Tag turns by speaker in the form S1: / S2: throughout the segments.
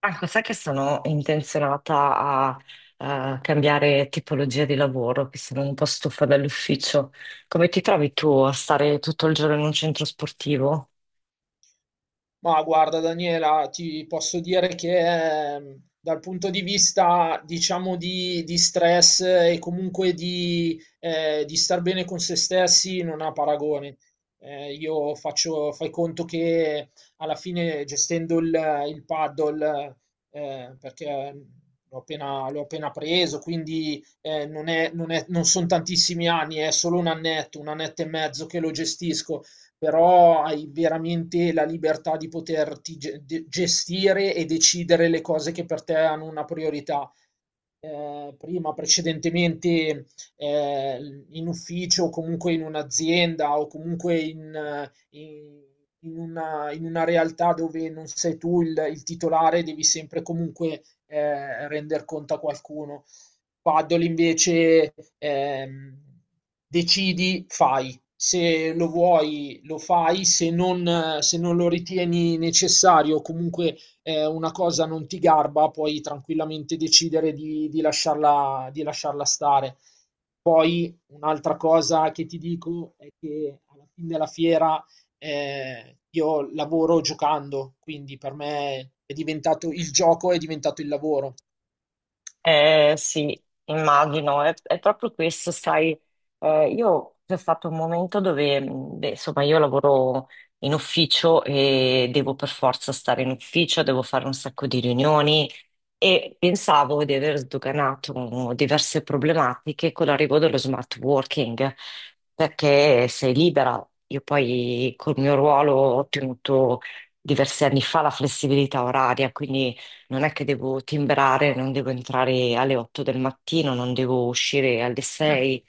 S1: Marco, sai che sono intenzionata a, cambiare tipologia di lavoro, che sono un po' stufa dall'ufficio. Come ti trovi tu a stare tutto il giorno in un centro sportivo?
S2: Ma guarda Daniela, ti posso dire che dal punto di vista, diciamo, di stress e comunque di star bene con se stessi non ha paragone. Fai conto che alla fine gestendo il paddle, perché l'ho appena preso, quindi non sono tantissimi anni, è solo un annetto e mezzo che lo gestisco, però hai veramente la libertà di poterti gestire e decidere le cose che per te hanno una priorità. Precedentemente, eh, in ufficio o comunque in un'azienda o comunque in- in una realtà dove non sei tu il titolare, devi sempre comunque render conto a qualcuno. Paddle invece decidi, fai, se lo vuoi lo fai, se non lo ritieni necessario, comunque una cosa non ti garba, puoi tranquillamente decidere di lasciarla stare. Poi un'altra cosa che ti dico è che alla fine della fiera io lavoro giocando, quindi per me è diventato il gioco, è diventato il lavoro.
S1: Sì, immagino, è proprio questo, sai, io c'è stato un momento dove, beh, insomma, io lavoro in ufficio e devo per forza stare in ufficio, devo fare un sacco di riunioni e pensavo di aver sdoganato diverse problematiche con l'arrivo dello smart working, perché sei libera. Io poi col mio ruolo ho ottenuto diversi anni fa la flessibilità oraria, quindi non è che devo timbrare, non devo entrare alle 8 del mattino, non devo uscire alle 6,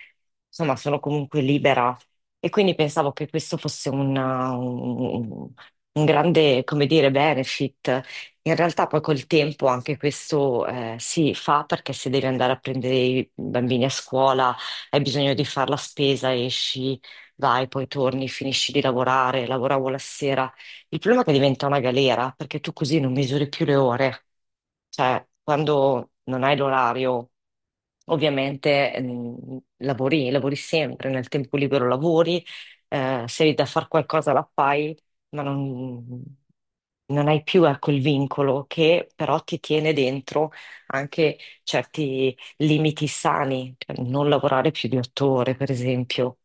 S1: insomma, sono comunque libera. E quindi pensavo che questo fosse un grande, come dire, benefit. In realtà poi col tempo anche questo si fa perché se devi andare a prendere i bambini a scuola, hai bisogno di fare la spesa, esci, vai, poi torni, finisci di lavorare, lavoravo la sera. Il problema è che diventa una galera perché tu così non misuri più le ore. Cioè, quando non hai l'orario, ovviamente lavori, lavori sempre, nel tempo libero lavori, se hai da fare qualcosa la fai, ma non, non hai più ecco, il vincolo che però ti tiene dentro anche certi limiti sani, cioè non lavorare più di 8 ore, per esempio,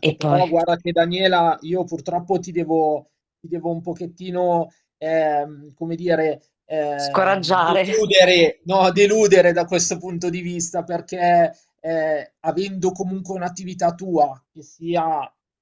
S1: e poi
S2: però guarda che Daniela, io purtroppo ti devo un pochettino, come dire,
S1: scoraggiare.
S2: deludere, no, deludere da questo punto di vista, perché avendo comunque un'attività tua, che sia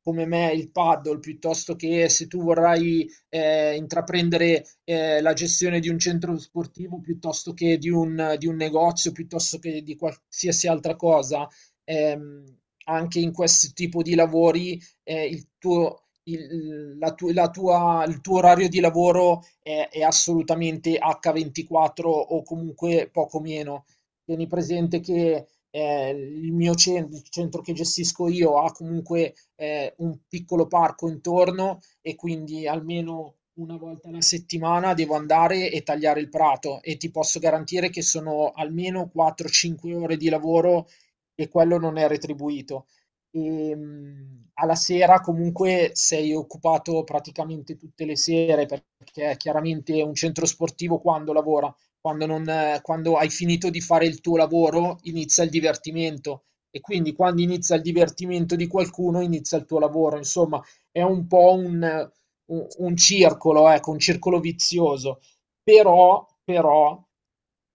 S2: come me il paddle, piuttosto che se tu vorrai intraprendere la gestione di un centro sportivo, piuttosto che di un negozio, piuttosto che di qualsiasi altra cosa, ehm, anche in questo tipo di lavori il tuo, il, la tu- la tua- il tuo orario di lavoro è assolutamente H24 o comunque poco meno. Tieni presente che il centro che gestisco io ha comunque un piccolo parco intorno e quindi almeno una volta alla settimana devo andare e tagliare il prato, e ti posso garantire che sono almeno 4-5 ore di lavoro e quello non è retribuito. Alla sera comunque sei occupato praticamente tutte le sere, perché chiaramente un centro sportivo quando lavora, quando, non, quando hai finito di fare il tuo lavoro inizia il divertimento, e quindi quando inizia il divertimento di qualcuno inizia il tuo lavoro, insomma è un po' un circolo, ecco, un circolo vizioso, però,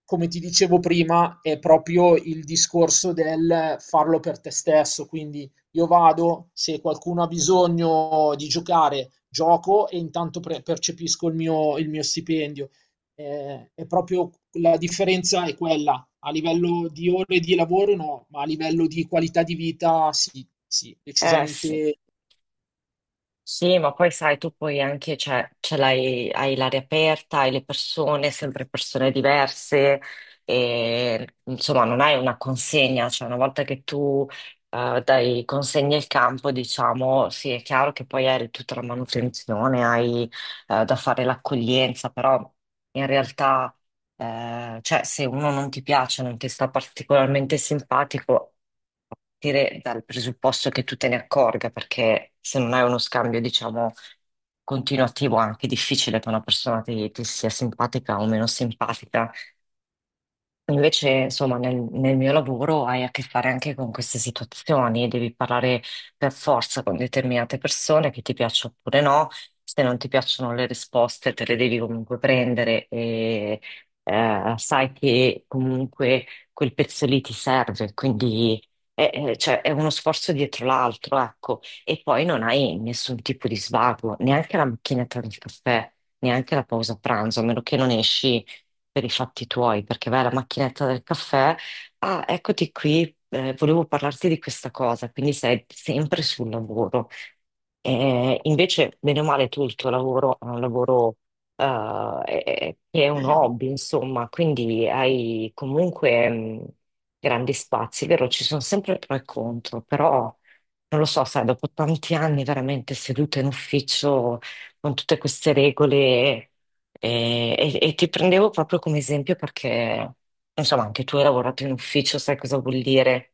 S2: come ti dicevo prima, è proprio il discorso del farlo per te stesso. Quindi io vado, se qualcuno ha bisogno di giocare, gioco e intanto percepisco il mio stipendio. È proprio la differenza è quella. A livello di ore di lavoro no, ma a livello di qualità di vita sì, sì,
S1: Sì.
S2: decisamente.
S1: Sì, ma poi sai, tu poi anche cioè, ce l'hai, hai l'area aperta, hai le persone, sempre persone diverse, e insomma non hai una consegna, cioè una volta che tu dai consegna il campo, diciamo, sì, è chiaro che poi hai tutta la manutenzione, hai da fare l'accoglienza, però in realtà cioè, se uno non ti piace, non ti sta particolarmente simpatico, partire dal presupposto che tu te ne accorga, perché se non hai uno scambio, diciamo, continuativo, è anche difficile che una persona ti sia simpatica o meno simpatica. Invece, insomma, nel mio lavoro hai a che fare anche con queste situazioni, devi parlare per forza con determinate persone che ti piacciono oppure no, se non ti piacciono le risposte te le devi comunque prendere e sai che comunque quel pezzo lì ti serve, quindi cioè, è uno sforzo dietro l'altro, ecco, e poi non hai nessun tipo di svago, neanche la macchinetta del caffè, neanche la pausa pranzo, a meno che non esci per i fatti tuoi, perché vai alla macchinetta del caffè, ah, eccoti qui, volevo parlarti di questa cosa, quindi sei sempre sul lavoro. Invece, bene o male, tu il tuo lavoro è un lavoro che è un hobby, insomma, quindi hai comunque grandi spazi, vero? Ci sono sempre pro e contro, però non lo so, sai, dopo tanti anni veramente seduta in ufficio con tutte queste regole. E ti prendevo proprio come esempio perché, insomma, anche tu hai lavorato in ufficio, sai cosa vuol dire?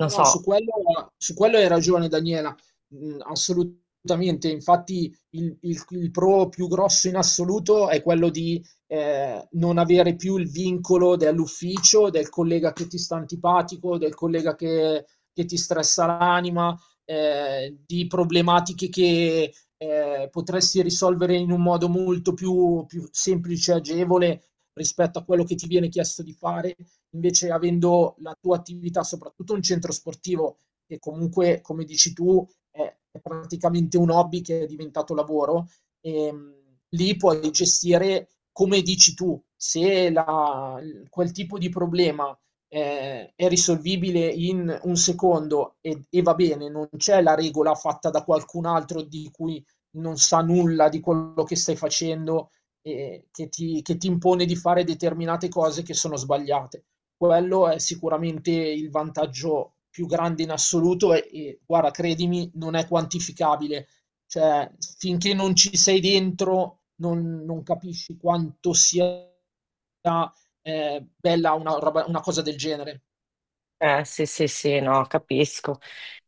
S2: No,
S1: Non
S2: no,
S1: so.
S2: su quello hai ragione Daniela. Mm, assolutamente. Infatti il pro più grosso in assoluto è quello di non avere più il vincolo dell'ufficio, del collega che ti sta antipatico, che ti stressa l'anima, di problematiche che potresti risolvere in un modo molto più semplice e agevole rispetto a quello che ti viene chiesto di fare. Invece avendo la tua attività, soprattutto un centro sportivo, che comunque, come dici tu, è praticamente un hobby che è diventato lavoro, ehm, lì puoi gestire come dici tu, se la- quel tipo di problema è risolvibile in un secondo, e va bene, non c'è la regola fatta da qualcun altro di cui non sa nulla di quello che stai facendo, che ti impone di fare determinate cose che sono sbagliate. Quello è sicuramente il vantaggio più grande in assoluto, e guarda, credimi, non è quantificabile. Cioè, finché non ci sei dentro, non capisci quanto sia, bella una cosa del genere.
S1: Sì, sì, sì, no, capisco.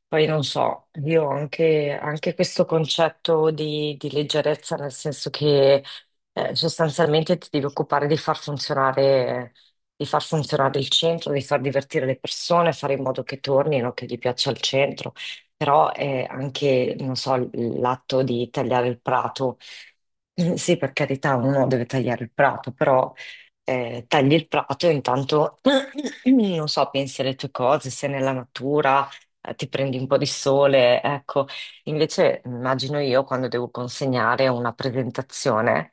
S1: Poi non so, io ho anche, anche questo concetto di leggerezza, nel senso che sostanzialmente ti devi occupare di far funzionare il centro, di far divertire le persone, fare in modo che tornino, che gli piaccia il centro, però è anche, non so, l'atto di tagliare il prato. Sì, per carità, uno deve tagliare il prato, però tagli il prato e intanto non so, pensi alle tue cose, sei nella natura, ti prendi un po' di sole, ecco. Invece immagino io quando devo consegnare una presentazione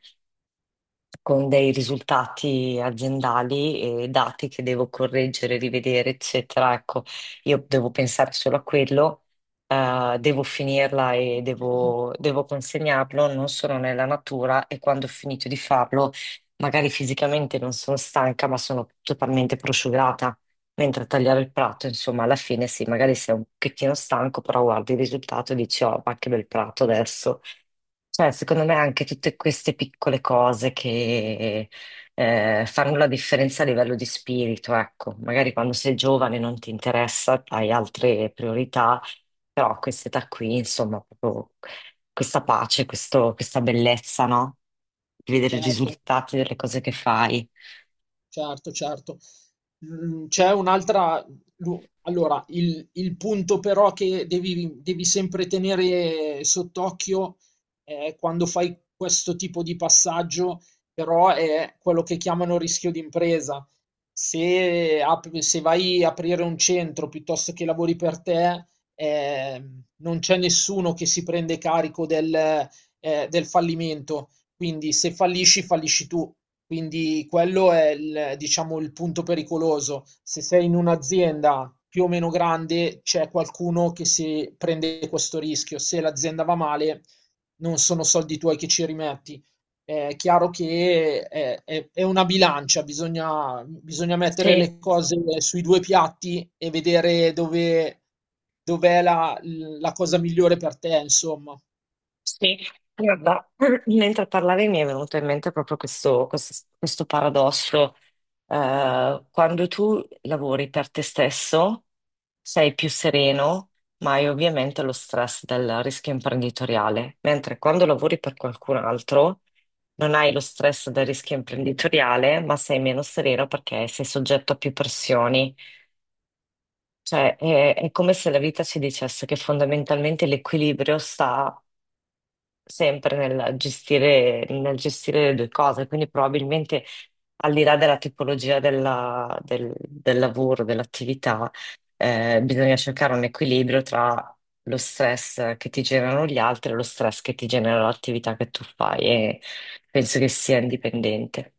S1: con dei risultati aziendali e dati che devo correggere, rivedere, eccetera. Ecco, io devo pensare solo a quello, devo finirla e devo consegnarlo, non sono nella natura e quando ho finito di farlo, magari fisicamente non sono stanca, ma sono totalmente prosciugata. Mentre a tagliare il prato, insomma, alla fine sì, magari sei un pochettino stanco, però guardi il risultato e dici, oh, ma che bel prato adesso. Cioè, secondo me anche tutte queste piccole cose che fanno la differenza a livello di spirito, ecco, magari quando sei giovane non ti interessa, hai altre priorità, però a quest'età qui, insomma, proprio questa pace, questa bellezza, no? Di vedere i
S2: Certo.
S1: risultati delle cose che fai.
S2: Certo, certo. Mhmm, c'è un'altra lu allora, il punto però che devi sempre tenere sott'occhio, quando fai questo tipo di passaggio, però è quello che chiamano rischio d'impresa. Se vai a aprire un centro piuttosto che lavori per te, non c'è nessuno che si prende carico del fallimento. Quindi se fallisci, fallisci tu. Quindi quello è il, diciamo, il punto pericoloso. Se sei in un'azienda più o meno grande, c'è qualcuno che si prende questo rischio. Se l'azienda va male, non sono soldi tuoi che ci rimetti. È chiaro che è una bilancia, bisogna mettere
S1: Sì.
S2: le cose sui due piatti e vedere dov'è la cosa migliore per te, insomma.
S1: Sì, guarda, mentre parlavi mi è venuto in mente proprio questo, questo paradosso. Quando tu lavori per te stesso sei più sereno, ma hai ovviamente lo stress del rischio imprenditoriale, mentre quando lavori per qualcun altro non hai lo stress del rischio imprenditoriale, ma sei meno sereno perché sei soggetto a più pressioni. Cioè, è come se la vita ci dicesse che fondamentalmente l'equilibrio sta sempre nel gestire le due cose, quindi probabilmente al di là della tipologia del lavoro, dell'attività, bisogna cercare un equilibrio tra lo stress che ti generano gli altri e lo stress che ti genera l'attività che tu fai e penso che sia indipendente.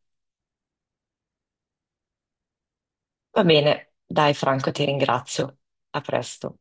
S1: Va bene, dai Franco, ti ringrazio. A presto.